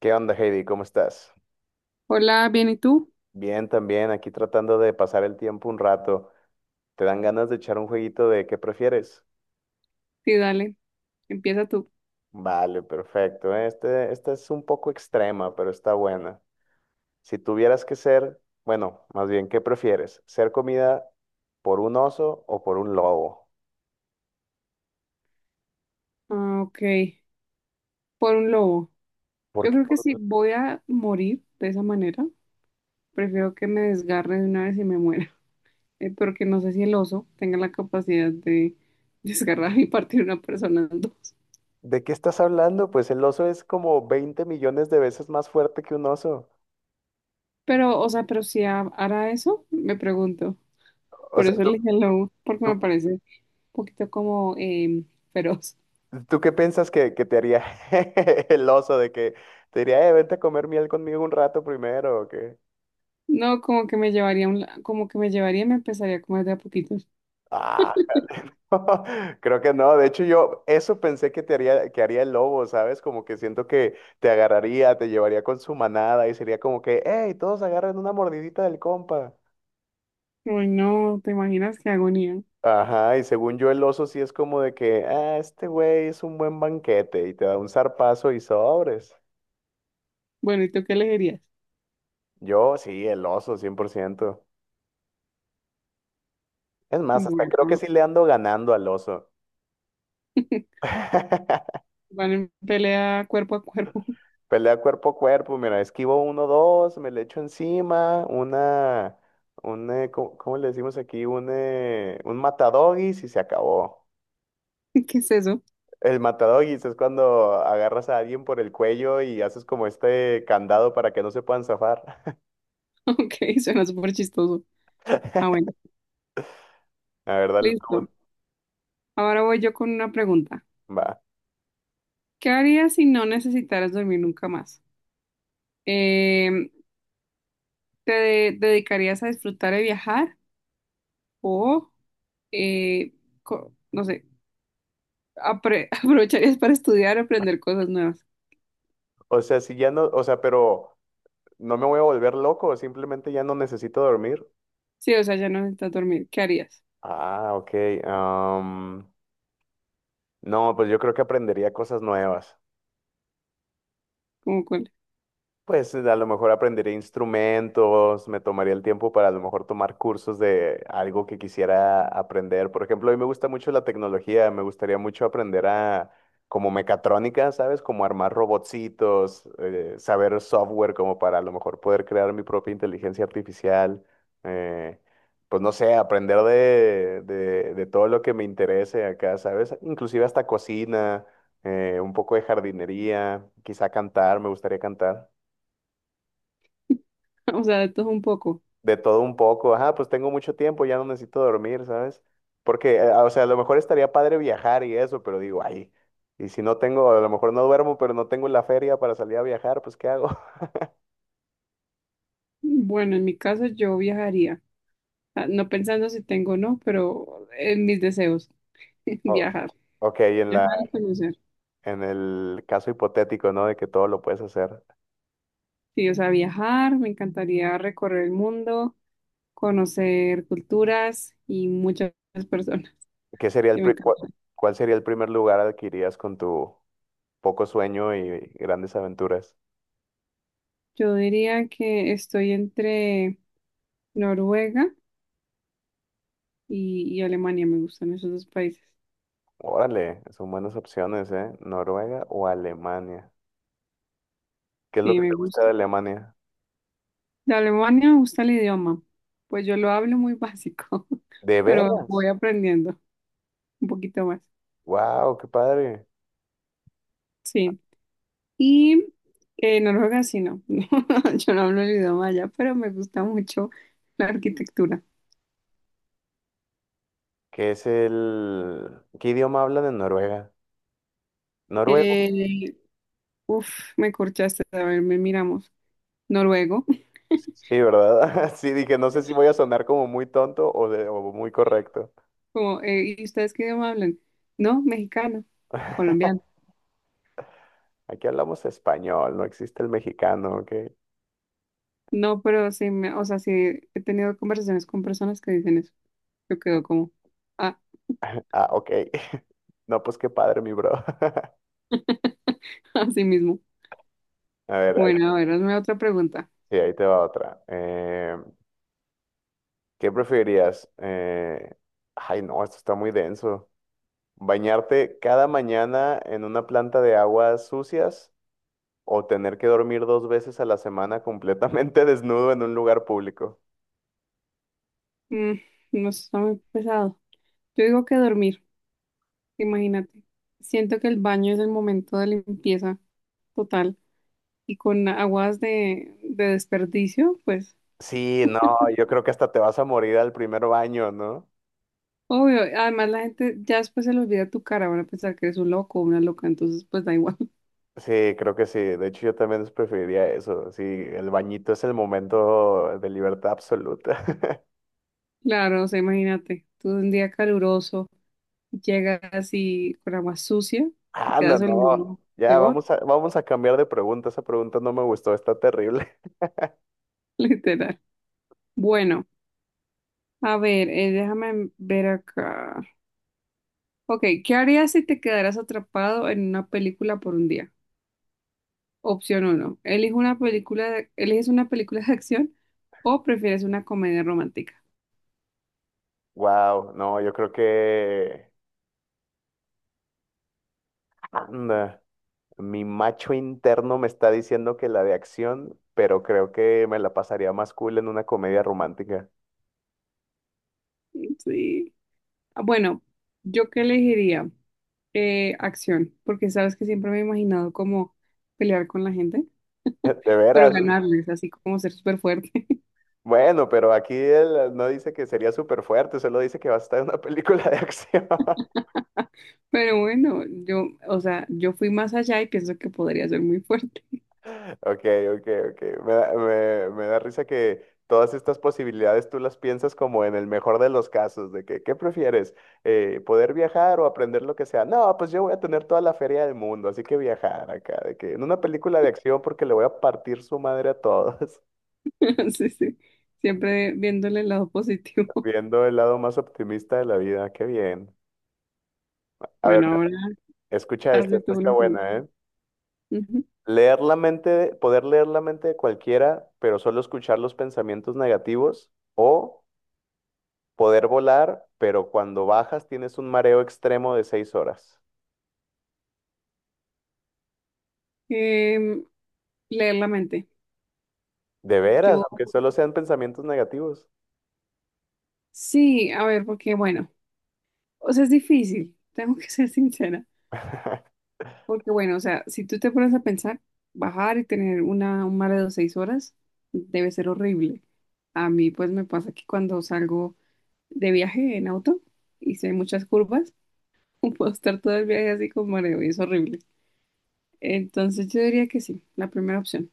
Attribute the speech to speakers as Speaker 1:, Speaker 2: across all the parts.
Speaker 1: ¿Qué onda, Heidi? ¿Cómo estás?
Speaker 2: Hola, ¿bien y tú?
Speaker 1: Bien, también aquí tratando de pasar el tiempo un rato. ¿Te dan ganas de echar un jueguito de qué prefieres?
Speaker 2: Sí, dale, empieza tú.
Speaker 1: Vale, perfecto. Esta es un poco extrema, pero está buena. Si tuvieras que ser, bueno, más bien, ¿qué prefieres? ¿Ser comida por un oso o por un lobo?
Speaker 2: Ah, ok, por un lobo.
Speaker 1: ¿Por
Speaker 2: Yo
Speaker 1: qué?
Speaker 2: creo que si voy a morir de esa manera, prefiero que me desgarre de una vez y me muera. Porque no sé si el oso tenga la capacidad de desgarrar y partir una persona en dos.
Speaker 1: ¿De qué estás hablando? Pues el oso es como 20 millones de veces más fuerte que un oso.
Speaker 2: Pero, o sea, pero si ha- hará eso, me pregunto.
Speaker 1: O
Speaker 2: Por
Speaker 1: sea,
Speaker 2: eso
Speaker 1: tú,
Speaker 2: elegí el lobo, porque me
Speaker 1: tú
Speaker 2: parece un poquito como feroz.
Speaker 1: ¿Tú qué piensas que te haría el oso de que te diría, vente a comer miel conmigo un rato primero o qué?
Speaker 2: No, como que me llevaría, como que me llevaría y me empezaría a comer de a poquitos.
Speaker 1: Ah, jale, no, creo que no. De hecho, yo eso pensé que te haría, que haría el lobo, ¿sabes? Como que siento que te agarraría, te llevaría con su manada y sería como que, hey, todos agarren una mordidita del compa.
Speaker 2: Uy, no, ¿te imaginas qué agonía?
Speaker 1: Ajá, y según yo el oso sí es como de que, ah, este güey es un buen banquete y te da un zarpazo y sobres.
Speaker 2: Bueno, ¿y tú qué elegirías?
Speaker 1: Yo sí, el oso, 100%. Es más, hasta
Speaker 2: Bueno,
Speaker 1: creo que sí le ando ganando al oso.
Speaker 2: van en pelea cuerpo a cuerpo.
Speaker 1: Pelea cuerpo a cuerpo, mira, esquivo uno, dos, me le echo encima, ¿cómo le decimos aquí? Un matadogis y se acabó.
Speaker 2: ¿Qué es eso?
Speaker 1: El matadogis es cuando agarras a alguien por el cuello y haces como este candado para que no se puedan zafar.
Speaker 2: Ok, suena súper chistoso. Ah, bueno,
Speaker 1: La verdad,
Speaker 2: listo. Ahora voy yo con una pregunta.
Speaker 1: va.
Speaker 2: ¿Qué harías si no necesitaras dormir nunca más? Eh, dedicarías a disfrutar de viajar o, eh, no sé, aprovecharías para estudiar, aprender cosas nuevas?
Speaker 1: O sea, si ya no, o sea, pero no me voy a volver loco, simplemente ya no necesito dormir.
Speaker 2: Sí, o sea, ya no necesitas dormir. ¿Qué harías?
Speaker 1: Ah, ok. am, No, pues yo creo que aprendería cosas nuevas.
Speaker 2: ¿Como cuál?
Speaker 1: Pues a lo mejor aprendería instrumentos, me tomaría el tiempo para a lo mejor tomar cursos de algo que quisiera aprender. Por ejemplo, a mí me gusta mucho la tecnología, me gustaría mucho aprender a como mecatrónica, ¿sabes? Como armar robotcitos, saber software como para a lo mejor poder crear mi propia inteligencia artificial. eh, pues no sé, aprender de todo lo que me interese acá, ¿sabes? Inclusive hasta cocina, un poco de jardinería, quizá cantar, me gustaría cantar.
Speaker 2: O sea, de todo un poco.
Speaker 1: De todo un poco. Ajá, pues tengo mucho tiempo, ya no necesito dormir, ¿sabes? Porque, o sea, a lo mejor estaría padre viajar y eso, pero digo, ay, y si no tengo, a lo mejor no duermo, pero no tengo la feria para salir a viajar, pues ¿qué hago?
Speaker 2: Bueno, en mi caso yo viajaría. Ah, no pensando si tengo o no, pero en mis deseos,
Speaker 1: O-
Speaker 2: viajar,
Speaker 1: ok,
Speaker 2: viajar y conocer.
Speaker 1: en el caso hipotético, ¿no? De que todo lo puedes hacer.
Speaker 2: Sí, o sea, viajar, me encantaría recorrer el mundo, conocer culturas y muchas personas.
Speaker 1: ¿Qué sería el
Speaker 2: Sí, me
Speaker 1: pri- cua-
Speaker 2: encanta.
Speaker 1: cuál sería el primer lugar al que irías con tu poco sueño y grandes aventuras?
Speaker 2: Yo diría que estoy entre Noruega y Alemania, me gustan esos dos países.
Speaker 1: Órale, son buenas opciones, ¿eh? Noruega o Alemania. ¿Qué es lo
Speaker 2: Sí,
Speaker 1: que
Speaker 2: me
Speaker 1: te gusta de
Speaker 2: gusta.
Speaker 1: Alemania?
Speaker 2: De Alemania me gusta el idioma, pues yo lo hablo muy básico,
Speaker 1: ¿De
Speaker 2: pero voy
Speaker 1: veras?
Speaker 2: aprendiendo un poquito más.
Speaker 1: Wow, qué padre.
Speaker 2: Sí. Y Noruega sí no, no, yo no hablo el idioma allá, pero me gusta mucho la arquitectura.
Speaker 1: ¿Qué es el... ¿Qué idioma hablan en Noruega? Noruego.
Speaker 2: Eh, uf, Me corchaste, a ver, me miramos. Noruego.
Speaker 1: Sí, ¿verdad? Sí, dije, no sé si voy a sonar como muy tonto o muy correcto.
Speaker 2: Como, ¿y ustedes qué idioma hablan? No, mexicano, colombiano.
Speaker 1: Aquí hablamos español, no existe el mexicano, ¿ok?
Speaker 2: No, pero sí, me, o sea, sí he tenido conversaciones con personas que dicen eso. Yo quedo como, ah,
Speaker 1: Ah, ok. No, pues qué padre, mi bro.
Speaker 2: así mismo.
Speaker 1: A ver, ahí,
Speaker 2: Bueno, a ver, hazme otra pregunta.
Speaker 1: sí, ahí te va otra. ¿Qué preferirías? Ay, no, esto está muy denso. ¿Bañarte cada mañana en una planta de aguas sucias o tener que dormir dos veces a la semana completamente desnudo en un lugar público?
Speaker 2: Mm, no sé, está muy pesado. Yo digo que dormir. Imagínate. Siento que el baño es el momento de limpieza total, y con aguas de desperdicio, pues
Speaker 1: Sí, no, yo creo que hasta te vas a morir al primer baño, ¿no?
Speaker 2: obvio. Además la gente ya después se le olvida tu cara, van a pensar que eres un loco o una loca, entonces pues da igual.
Speaker 1: Sí, creo que sí. De hecho, yo también preferiría eso. Sí, el bañito es el momento de libertad absoluta.
Speaker 2: Claro, o sea, imagínate, tú un día caluroso llegas y con agua sucia y
Speaker 1: Ah, no,
Speaker 2: quedas
Speaker 1: no.
Speaker 2: oliendo
Speaker 1: Ya
Speaker 2: peor,
Speaker 1: vamos a cambiar de pregunta. Esa pregunta no me gustó, está terrible.
Speaker 2: literal. Bueno, a ver, déjame ver acá. Ok, ¿qué harías si te quedaras atrapado en una película por un día? Opción uno. ¿Eliges una película de, eliges una película de acción o prefieres una comedia romántica?
Speaker 1: Wow, no, yo creo que... Anda. Mi macho interno me está diciendo que la de acción, pero creo que me la pasaría más cool en una comedia romántica.
Speaker 2: Sí. Ah, bueno, yo qué elegiría. Acción, porque sabes que siempre me he imaginado como pelear con la gente,
Speaker 1: De
Speaker 2: pero
Speaker 1: veras.
Speaker 2: ganarles, así como ser súper fuerte.
Speaker 1: Bueno, pero aquí él no dice que sería súper fuerte, solo dice que va a estar en una película de acción.
Speaker 2: Pero bueno, yo, o sea, yo fui más allá y pienso que podría ser muy fuerte.
Speaker 1: Ok, ok, ok. Me da risa que todas estas posibilidades tú las piensas como en el mejor de los casos, de que, ¿qué prefieres? ¿Poder viajar o aprender lo que sea? No, pues yo voy a tener toda la feria del mundo, así que viajar acá, de que en una película de acción porque le voy a partir su madre a todos,
Speaker 2: Sí, sí. Siempre viéndole el lado positivo.
Speaker 1: viendo el lado más optimista de la vida, qué bien. A ver,
Speaker 2: Bueno, ahora
Speaker 1: escucha esta,
Speaker 2: hazle tú
Speaker 1: esta está
Speaker 2: una pregunta.
Speaker 1: buena, ¿eh?
Speaker 2: Ujú.
Speaker 1: Leer la mente, de- poder leer la mente de cualquiera, pero solo escuchar los pensamientos negativos o poder volar, pero cuando bajas tienes un mareo extremo de 6 horas.
Speaker 2: Em, leer la mente.
Speaker 1: De veras,
Speaker 2: Yo
Speaker 1: aunque solo sean pensamientos negativos.
Speaker 2: sí, a ver, porque bueno, o sea, es difícil, tengo que ser sincera, porque bueno, o sea, si tú te pones a pensar, bajar y tener una, un mar de 6 horas debe ser horrible. A mí pues me pasa que cuando salgo de viaje en auto y si hay muchas curvas, puedo estar todo el viaje así con mareo y es horrible. Entonces yo diría que sí, la primera opción.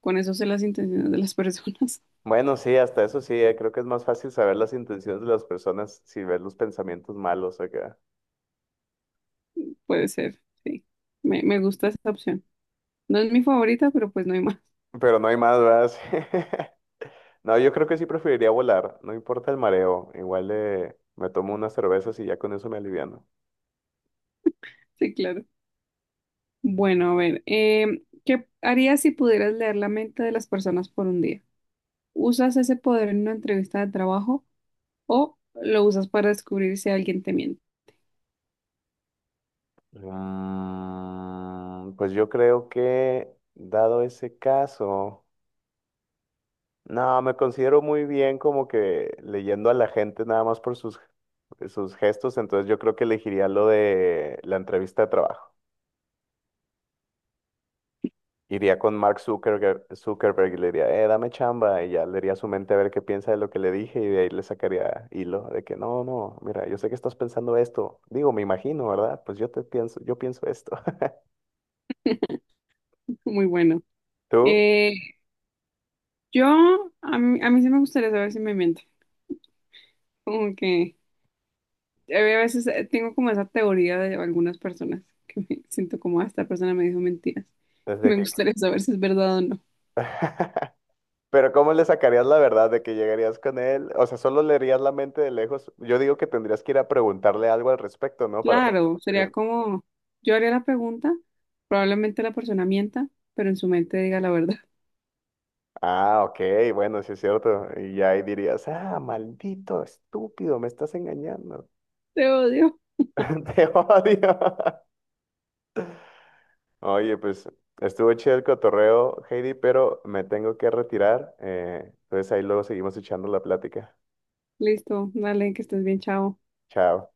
Speaker 2: Con eso sé las intenciones de las personas,
Speaker 1: Bueno, sí, hasta eso sí, creo que es más fácil saber las intenciones de las personas si ves los pensamientos malos acá.
Speaker 2: puede ser, sí. Me gusta esa opción. No es mi favorita, pero pues no hay más.
Speaker 1: Pero no hay más, ¿verdad? Sí. No, yo creo que sí preferiría volar, no importa el mareo, igual me tomo unas cervezas y ya con eso me aliviano.
Speaker 2: Sí, claro. Bueno, a ver, em, ¿qué harías si pudieras leer la mente de las personas por un día? ¿Usas ese poder en una entrevista de trabajo o lo usas para descubrir si alguien te miente?
Speaker 1: Mm, pues yo creo que, dado ese caso... No, me considero muy bien como que leyendo a la gente nada más por sus gestos, entonces yo creo que elegiría lo de la entrevista de trabajo. Iría con Mark Zuckerberg y le diría, dame chamba, y ya leería su mente a ver qué piensa de lo que le dije y de ahí le sacaría hilo de que no, no, mira, yo sé que estás pensando esto. Digo, me imagino, ¿verdad? Pues yo pienso esto.
Speaker 2: Muy bueno.
Speaker 1: ¿Tú?
Speaker 2: Eh, yo, a mí sí me gustaría saber si me miente. Como que a veces tengo como esa teoría de algunas personas que me siento como, "Ah, esta persona me dijo mentiras".
Speaker 1: Desde
Speaker 2: Me
Speaker 1: que...
Speaker 2: gustaría saber si es verdad o no.
Speaker 1: Pero ¿cómo le sacarías la verdad de que llegarías con él? O sea, solo leerías la mente de lejos. Yo digo que tendrías que ir a preguntarle algo al respecto, ¿no? Para... saber.
Speaker 2: Claro, sería
Speaker 1: Bien.
Speaker 2: como, yo haría la pregunta, probablemente la persona mienta, pero en su mente diga la verdad.
Speaker 1: Ah, ok, bueno, sí es cierto. Y ya ahí dirías, ah, maldito, estúpido, me estás engañando.
Speaker 2: Te odio.
Speaker 1: Te odio. Oye, pues estuvo chido el cotorreo, Heidi, pero me tengo que retirar. Entonces ahí luego seguimos echando la plática.
Speaker 2: Listo, dale, que estés bien, chao.
Speaker 1: Chao.